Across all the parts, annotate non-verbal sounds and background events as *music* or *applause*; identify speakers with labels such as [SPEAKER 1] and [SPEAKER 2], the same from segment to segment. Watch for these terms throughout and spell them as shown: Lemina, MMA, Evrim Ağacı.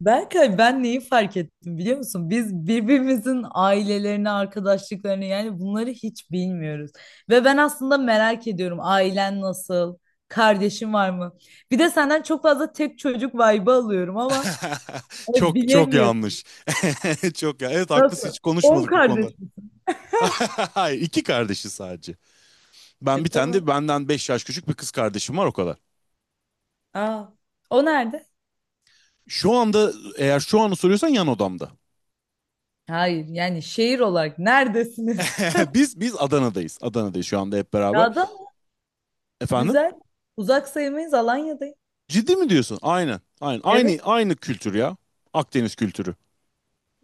[SPEAKER 1] Berkay ben neyi fark ettim biliyor musun? Biz birbirimizin ailelerini, arkadaşlıklarını yani bunları hiç bilmiyoruz. Ve ben aslında merak ediyorum ailen nasıl, kardeşin var mı? Bir de senden çok fazla tek çocuk vibe'ı alıyorum ama
[SPEAKER 2] *laughs* Çok çok
[SPEAKER 1] bilemiyorum.
[SPEAKER 2] yanlış. *laughs* Çok ya. Evet, haklısın,
[SPEAKER 1] Nasıl?
[SPEAKER 2] hiç
[SPEAKER 1] 10
[SPEAKER 2] konuşmadık bu konuda.
[SPEAKER 1] kardeş mi?
[SPEAKER 2] *laughs* Hayır, iki kardeşi sadece.
[SPEAKER 1] E
[SPEAKER 2] Ben bir tane
[SPEAKER 1] tamam.
[SPEAKER 2] de benden 5 yaş küçük bir kız kardeşim var, o kadar.
[SPEAKER 1] Aa, o nerede?
[SPEAKER 2] Şu anda, eğer şu anı soruyorsan, yan odamda.
[SPEAKER 1] Hayır yani şehir olarak neredesiniz? *laughs*
[SPEAKER 2] *laughs* Biz Adana'dayız. Adana'dayız şu anda hep beraber.
[SPEAKER 1] Ya da
[SPEAKER 2] Efendim?
[SPEAKER 1] güzel. Uzak sayılmayız Alanya'dayım.
[SPEAKER 2] Ciddi mi diyorsun? Aynen. Aynen.
[SPEAKER 1] Evet.
[SPEAKER 2] Aynı kültür ya. Akdeniz kültürü.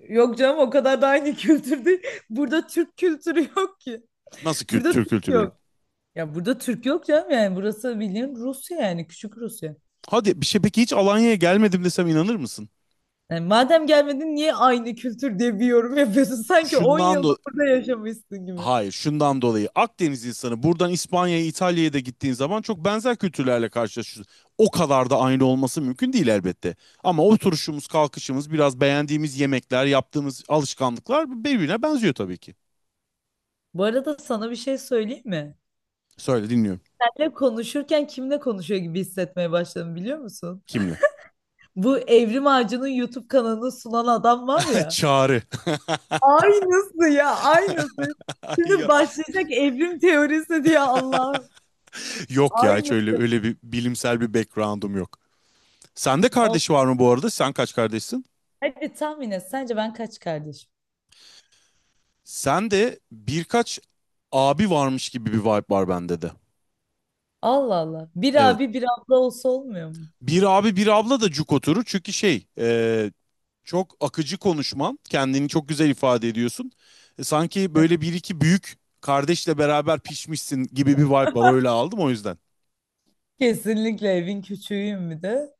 [SPEAKER 1] Yok canım o kadar da aynı kültür değil. *laughs* Burada Türk kültürü yok ki.
[SPEAKER 2] Nasıl
[SPEAKER 1] Burada
[SPEAKER 2] Türk
[SPEAKER 1] Türk
[SPEAKER 2] kültürü yok?
[SPEAKER 1] yok. Ya burada Türk yok canım yani burası bildiğin Rusya yani küçük Rusya.
[SPEAKER 2] Hadi bir şey, peki hiç Alanya'ya gelmedim desem inanır mısın?
[SPEAKER 1] Yani madem gelmedin niye aynı kültür diye bir yorum yapıyorsun? *laughs* Sanki 10
[SPEAKER 2] Şundan da
[SPEAKER 1] yılda burada yaşamışsın gibi.
[SPEAKER 2] Hayır, şundan dolayı Akdeniz insanı buradan İspanya'ya, İtalya'ya da gittiğin zaman çok benzer kültürlerle karşılaşıyorsun. O kadar da aynı olması mümkün değil elbette. Ama oturuşumuz, kalkışımız, biraz beğendiğimiz yemekler, yaptığımız alışkanlıklar birbirine benziyor tabii ki.
[SPEAKER 1] Bu arada sana bir şey söyleyeyim mi?
[SPEAKER 2] Söyle, dinliyorum.
[SPEAKER 1] Senle konuşurken kimle konuşuyor gibi hissetmeye başladım biliyor musun?
[SPEAKER 2] Kimle?
[SPEAKER 1] Bu Evrim Ağacı'nın YouTube kanalını sunan adam var
[SPEAKER 2] *laughs*
[SPEAKER 1] ya.
[SPEAKER 2] Çağrı.
[SPEAKER 1] Aynısı ya aynısı.
[SPEAKER 2] *laughs* Ay ya,
[SPEAKER 1] Şimdi başlayacak evrim teorisi diye Allah'ım.
[SPEAKER 2] yok ya, hiç
[SPEAKER 1] Aynı.
[SPEAKER 2] öyle bir bilimsel bir background'um yok. Sende
[SPEAKER 1] Ol-
[SPEAKER 2] kardeş var mı bu arada? Sen kaç kardeşsin?
[SPEAKER 1] Hadi tahmin et. Sence ben kaç kardeşim?
[SPEAKER 2] Sende birkaç abi varmış gibi bir vibe var bende de.
[SPEAKER 1] Allah Allah. Bir
[SPEAKER 2] Evet.
[SPEAKER 1] abi bir abla olsa olmuyor mu?
[SPEAKER 2] Bir abi bir abla da cuk oturur. Çünkü çok akıcı konuşman. Kendini çok güzel ifade ediyorsun. Sanki böyle bir iki büyük kardeşle beraber pişmişsin gibi bir vibe var. Öyle aldım o yüzden.
[SPEAKER 1] Kesinlikle evin küçüğüyüm bir de.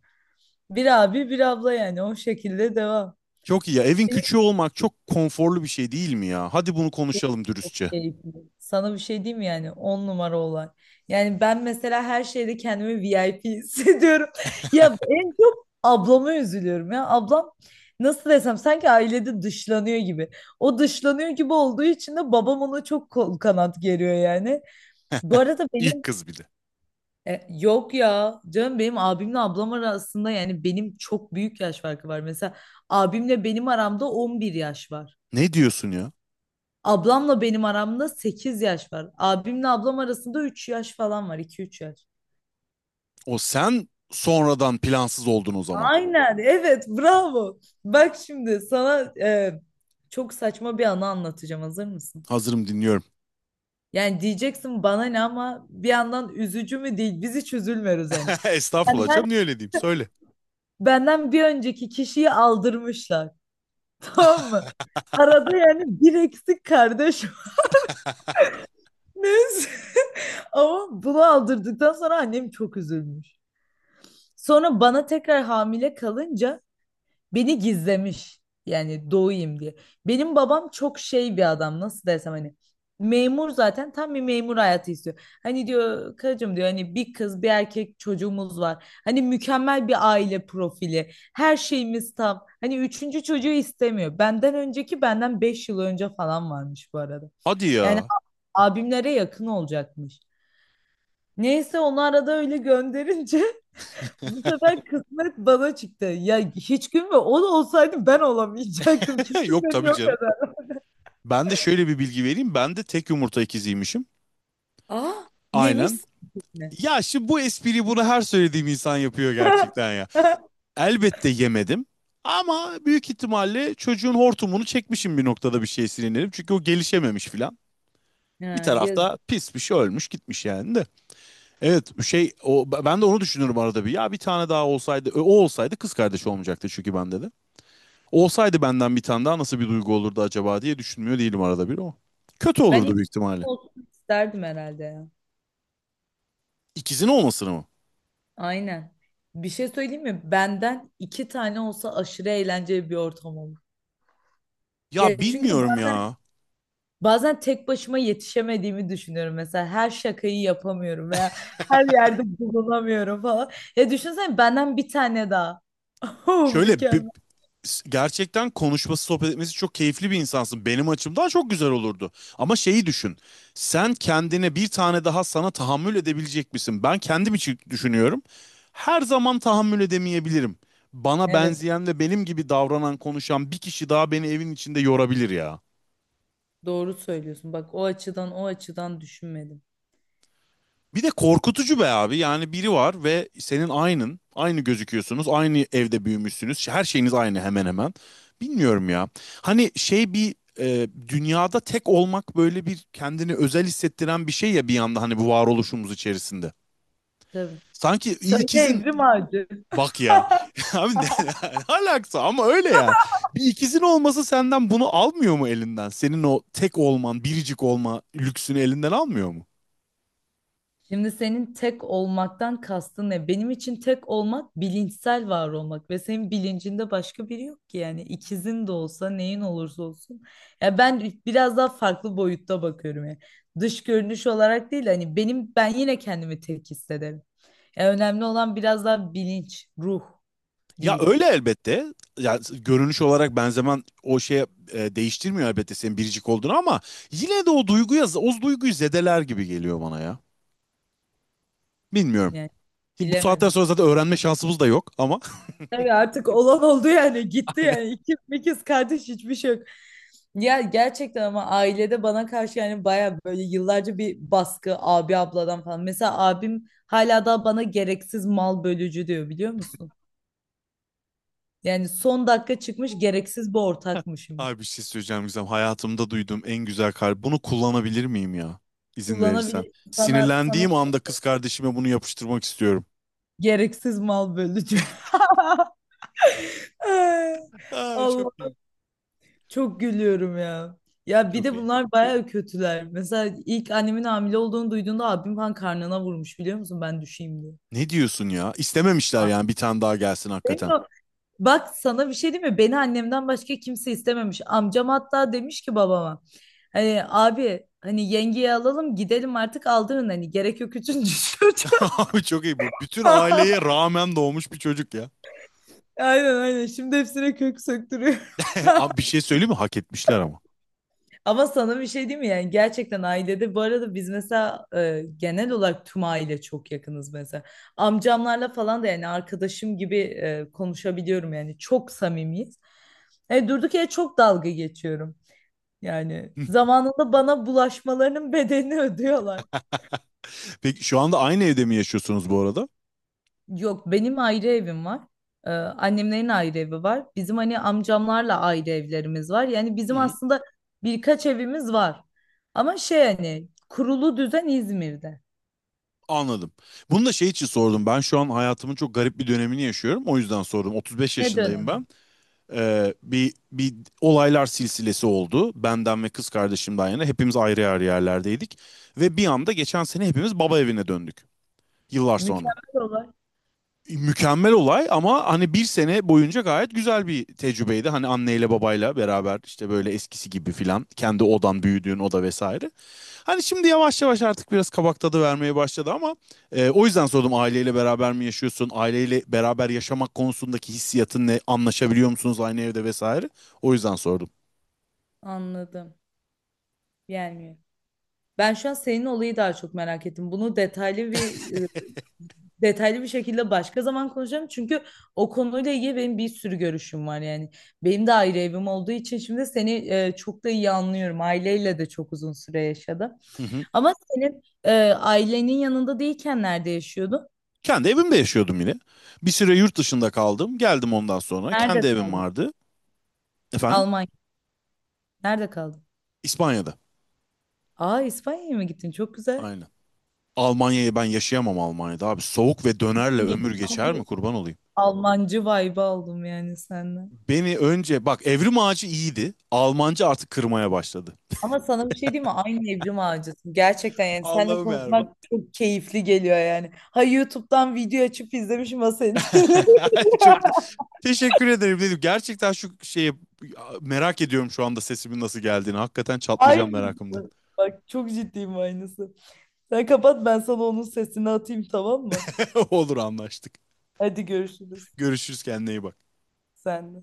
[SPEAKER 1] Bir abi bir abla yani o şekilde devam.
[SPEAKER 2] Çok iyi ya. Evin küçüğü olmak çok konforlu bir şey değil mi ya? Hadi bunu konuşalım dürüstçe.
[SPEAKER 1] Keyifli. Sana bir şey diyeyim mi yani 10 numara olay. Yani ben mesela her şeyde kendimi VIP hissediyorum. *laughs* Ya en çok ablama üzülüyorum ya. Ablam nasıl desem sanki ailede dışlanıyor gibi. O dışlanıyor gibi olduğu için de babam ona çok kol kanat geriyor yani. Bu arada
[SPEAKER 2] İlk
[SPEAKER 1] benim
[SPEAKER 2] kız bir de.
[SPEAKER 1] yok ya canım benim abimle ablam arasında yani benim çok büyük yaş farkı var. Mesela abimle benim aramda 11 yaş var.
[SPEAKER 2] Ne diyorsun ya?
[SPEAKER 1] Ablamla benim aramda 8 yaş var. Abimle ablam arasında 3 yaş falan var. 2 üç yaş.
[SPEAKER 2] O sen sonradan plansız oldun o zaman.
[SPEAKER 1] Aynen. Evet. Bravo. Bak şimdi sana çok saçma bir anı anlatacağım. Hazır mısın?
[SPEAKER 2] Hazırım, dinliyorum.
[SPEAKER 1] Yani diyeceksin bana ne ama bir yandan üzücü mü değil. Biz hiç üzülmüyoruz yani.
[SPEAKER 2] *laughs* Estağfurullah
[SPEAKER 1] Benden,
[SPEAKER 2] canım, niye öyle diyeyim, söyle.
[SPEAKER 1] benden bir önceki kişiyi aldırmışlar. *laughs* Tamam mı? Arada yani bir eksik kardeş var. *laughs* Neyse. *laughs* Ama bunu aldırdıktan sonra annem çok üzülmüş. Sonra bana tekrar hamile kalınca beni gizlemiş. Yani doğayım diye. Benim babam çok şey bir adam nasıl desem hani memur zaten tam bir memur hayatı istiyor. Hani diyor karıcığım diyor hani bir kız bir erkek çocuğumuz var. Hani mükemmel bir aile profili. Her şeyimiz tam. Hani üçüncü çocuğu istemiyor. Benden önceki benden 5 yıl önce falan varmış bu arada.
[SPEAKER 2] Hadi
[SPEAKER 1] Yani
[SPEAKER 2] ya.
[SPEAKER 1] abimlere yakın olacakmış. Neyse onu arada öyle gönderince bu sefer kısmet bana çıktı. Ya hiç gün ve o da olsaydı ben olamayacaktım. *laughs* Kesin
[SPEAKER 2] *laughs* Yok
[SPEAKER 1] beni
[SPEAKER 2] tabii
[SPEAKER 1] yok
[SPEAKER 2] canım.
[SPEAKER 1] eder.
[SPEAKER 2] Ben de şöyle bir bilgi vereyim. Ben de tek yumurta ikiziymişim.
[SPEAKER 1] Aa
[SPEAKER 2] Aynen.
[SPEAKER 1] yemişsin mi?
[SPEAKER 2] Ya şimdi bu espriyi, bunu her söylediğim insan yapıyor gerçekten ya.
[SPEAKER 1] *laughs*
[SPEAKER 2] Elbette yemedim. Ama büyük ihtimalle çocuğun hortumunu çekmişim bir noktada, bir şey sinirlenip. Çünkü o gelişememiş filan. Bir
[SPEAKER 1] Ha,
[SPEAKER 2] tarafta
[SPEAKER 1] yazık.
[SPEAKER 2] pis bir şey ölmüş gitmiş yani de. Evet şey, o, ben de onu düşünürüm arada bir. Ya bir tane daha olsaydı, o olsaydı kız kardeş olmayacaktı çünkü bende de. Olsaydı, benden bir tane daha, nasıl bir duygu olurdu acaba diye düşünmüyor değilim arada bir o. Kötü
[SPEAKER 1] Ben
[SPEAKER 2] olurdu
[SPEAKER 1] ilk
[SPEAKER 2] büyük ihtimalle.
[SPEAKER 1] olsun isterdim herhalde ya.
[SPEAKER 2] İkizin olmasını mı?
[SPEAKER 1] Aynen. Bir şey söyleyeyim mi? Benden iki tane olsa aşırı eğlenceli bir ortam olur. Ya
[SPEAKER 2] Ya
[SPEAKER 1] çünkü
[SPEAKER 2] bilmiyorum
[SPEAKER 1] bazen
[SPEAKER 2] ya.
[SPEAKER 1] bazen tek başıma yetişemediğimi düşünüyorum. Mesela her şakayı yapamıyorum veya her yerde bulunamıyorum falan. Ya düşünsene benden bir tane daha. *laughs* Oh,
[SPEAKER 2] Şöyle bi-
[SPEAKER 1] mükemmel.
[SPEAKER 2] Gerçekten konuşması, sohbet etmesi çok keyifli bir insansın. Benim açımdan çok güzel olurdu. Ama şeyi düşün. Sen, kendine bir tane daha, sana tahammül edebilecek misin? Ben kendim için düşünüyorum. Her zaman tahammül edemeyebilirim. Bana
[SPEAKER 1] Evet,
[SPEAKER 2] benzeyen ve benim gibi davranan, konuşan bir kişi daha beni evin içinde yorabilir ya.
[SPEAKER 1] doğru söylüyorsun. Bak o açıdan o açıdan düşünmedim.
[SPEAKER 2] Bir de korkutucu be abi. Yani biri var ve senin aynın. Aynı gözüküyorsunuz. Aynı evde büyümüşsünüz. Her şeyiniz aynı hemen hemen. Bilmiyorum ya. Hani dünyada tek olmak böyle bir kendini özel hissettiren bir şey ya bir yanda, hani, bu varoluşumuz içerisinde.
[SPEAKER 1] Tabii.
[SPEAKER 2] Sanki
[SPEAKER 1] Söyle
[SPEAKER 2] ikizin
[SPEAKER 1] Evrim Ağacı.
[SPEAKER 2] bak ya. *laughs* Abi ne alakası ama öyle ya. Bir ikizin olması senden bunu almıyor mu elinden? Senin o tek olman, biricik olma lüksünü elinden almıyor mu?
[SPEAKER 1] Şimdi senin tek olmaktan kastın ne? Benim için tek olmak bilinçsel var olmak ve senin bilincinde başka biri yok ki yani ikizin de olsa neyin olursa olsun. Ya ben biraz daha farklı boyutta bakıyorum yani. Dış görünüş olarak değil hani benim ben yine kendimi tek hissederim. Ya önemli olan biraz daha bilinç, ruh
[SPEAKER 2] Ya
[SPEAKER 1] diyeyim.
[SPEAKER 2] öyle elbette. Ya görünüş olarak benzemen o şeye değiştirmiyor elbette senin biricik olduğunu, ama yine de o duyguyu zedeler gibi geliyor bana ya. Bilmiyorum.
[SPEAKER 1] Yani
[SPEAKER 2] Ki bu saatten
[SPEAKER 1] bilemedim.
[SPEAKER 2] sonra zaten öğrenme şansımız da yok ama.
[SPEAKER 1] Tabii artık olan oldu yani
[SPEAKER 2] *laughs*
[SPEAKER 1] gitti
[SPEAKER 2] Aynen.
[SPEAKER 1] yani ikiz mikiz kardeş hiçbir şey yok. Ya gerçekten ama ailede bana karşı yani baya böyle yıllarca bir baskı abi abladan falan. Mesela abim hala da bana gereksiz mal bölücü diyor biliyor musun? Yani son dakika çıkmış gereksiz bir ortakmışım.
[SPEAKER 2] Abi bir şey söyleyeceğim Gizem. Hayatımda duyduğum en güzel kar. Bunu kullanabilir miyim ya? İzin verirsen.
[SPEAKER 1] Kullanabilir sana
[SPEAKER 2] Sinirlendiğim anda kız kardeşime bunu yapıştırmak istiyorum.
[SPEAKER 1] gereksiz mal bölücü. *laughs*
[SPEAKER 2] Ay çok
[SPEAKER 1] Allah.
[SPEAKER 2] iyi.
[SPEAKER 1] Çok gülüyorum ya. Ya bir
[SPEAKER 2] Çok
[SPEAKER 1] de
[SPEAKER 2] iyi.
[SPEAKER 1] bunlar bayağı kötüler. Mesela ilk annemin hamile olduğunu duyduğunda abim falan karnına vurmuş biliyor musun? Ben düşeyim diye.
[SPEAKER 2] Ne diyorsun ya? İstememişler yani bir tane daha gelsin hakikaten.
[SPEAKER 1] Demiyor. Bak sana bir şey diyeyim mi? Beni annemden başka kimse istememiş. Amcam hatta demiş ki babama. Hani abi hani yengeyi alalım gidelim artık aldırın hani gerek yok üçüncü çocuğa.
[SPEAKER 2] *laughs* Abi çok iyi bu. Bütün aileye
[SPEAKER 1] *laughs*
[SPEAKER 2] rağmen doğmuş bir çocuk ya.
[SPEAKER 1] Aynen aynen. Şimdi hepsine kök söktürüyor.
[SPEAKER 2] *laughs* Abi bir şey söyleyeyim mi? Hak etmişler ama.
[SPEAKER 1] Ama sana bir şey diyeyim mi? Yani gerçekten ailede bu arada biz mesela genel olarak tüm aile çok yakınız mesela. Amcamlarla falan da yani arkadaşım gibi konuşabiliyorum yani çok samimiyiz. Durduk yere çok dalga geçiyorum. Yani
[SPEAKER 2] *laughs*
[SPEAKER 1] zamanında bana bulaşmalarının *laughs* bedelini ödüyorlar.
[SPEAKER 2] Peki şu anda aynı evde mi yaşıyorsunuz bu arada?
[SPEAKER 1] Yok benim ayrı evim var. E, annemlerin ayrı evi var. Bizim hani amcamlarla ayrı evlerimiz var. Yani
[SPEAKER 2] Hı
[SPEAKER 1] bizim
[SPEAKER 2] hı.
[SPEAKER 1] aslında birkaç evimiz var. Ama şey hani kurulu düzen İzmir'de.
[SPEAKER 2] Anladım. Bunu da şey için sordum. Ben şu an hayatımın çok garip bir dönemini yaşıyorum. O yüzden sordum. 35
[SPEAKER 1] Ne
[SPEAKER 2] yaşındayım
[SPEAKER 1] dönemi?
[SPEAKER 2] ben. Bir olaylar silsilesi oldu. Benden ve kız kardeşimden yana hepimiz ayrı ayrı yerlerdeydik. Ve bir anda geçen sene hepimiz baba evine döndük. Yıllar sonra.
[SPEAKER 1] Mükemmel olay.
[SPEAKER 2] Mükemmel olay ama hani bir sene boyunca gayet güzel bir tecrübeydi. Hani anneyle babayla beraber işte böyle eskisi gibi filan, kendi odan, büyüdüğün oda vesaire. Hani şimdi yavaş yavaş artık biraz kabak tadı vermeye başladı ama o yüzden sordum, aileyle beraber mi yaşıyorsun? Aileyle beraber yaşamak konusundaki hissiyatın ne? Anlaşabiliyor musunuz aynı evde vesaire? O yüzden sordum.
[SPEAKER 1] Anladım. Gelmiyor. Ben şu an senin olayı daha çok merak ettim. Bunu detaylı bir şekilde başka zaman konuşacağım. Çünkü o konuyla ilgili benim bir sürü görüşüm var yani. Benim de ayrı evim olduğu için şimdi seni çok da iyi anlıyorum. Aileyle de çok uzun süre yaşadım.
[SPEAKER 2] Hı hı.
[SPEAKER 1] Ama senin ailenin yanında değilken nerede yaşıyordun?
[SPEAKER 2] Kendi evimde yaşıyordum yine. Bir süre yurt dışında kaldım. Geldim ondan sonra. Kendi
[SPEAKER 1] Nerede
[SPEAKER 2] evim
[SPEAKER 1] kaldın?
[SPEAKER 2] vardı. Efendim?
[SPEAKER 1] Almanya. Nerede kaldın?
[SPEAKER 2] İspanya'da.
[SPEAKER 1] Aa İspanya'ya mı gittin? Çok güzel.
[SPEAKER 2] Aynen. Almanya'yı ben yaşayamam, Almanya'da abi. Soğuk ve dönerle ömür geçer
[SPEAKER 1] Bilmiyorum.
[SPEAKER 2] mi, kurban olayım?
[SPEAKER 1] Almancı vibe aldım yani senden.
[SPEAKER 2] Beni önce bak Evrim Ağacı iyiydi. Almanca artık kırmaya başladı.
[SPEAKER 1] Ama sana bir şey diyeyim mi? Aynı Evrim Ağacısın. Gerçekten yani seninle
[SPEAKER 2] Allah'ım yarabbim.
[SPEAKER 1] konuşmak çok keyifli geliyor yani. Ha YouTube'dan video açıp izlemişim ha seni dinliyorum.
[SPEAKER 2] *laughs* Çok
[SPEAKER 1] *laughs*
[SPEAKER 2] teşekkür ederim dedim. Gerçekten şu şeyi merak ediyorum şu anda, sesimin nasıl geldiğini. Hakikaten çatlayacağım merakımdan.
[SPEAKER 1] Aynısı. Bak çok ciddiyim aynısı. Sen kapat ben sana onun sesini atayım tamam mı?
[SPEAKER 2] *laughs* Olur, anlaştık.
[SPEAKER 1] Hadi görüşürüz.
[SPEAKER 2] Görüşürüz, kendine iyi bak.
[SPEAKER 1] Sen de.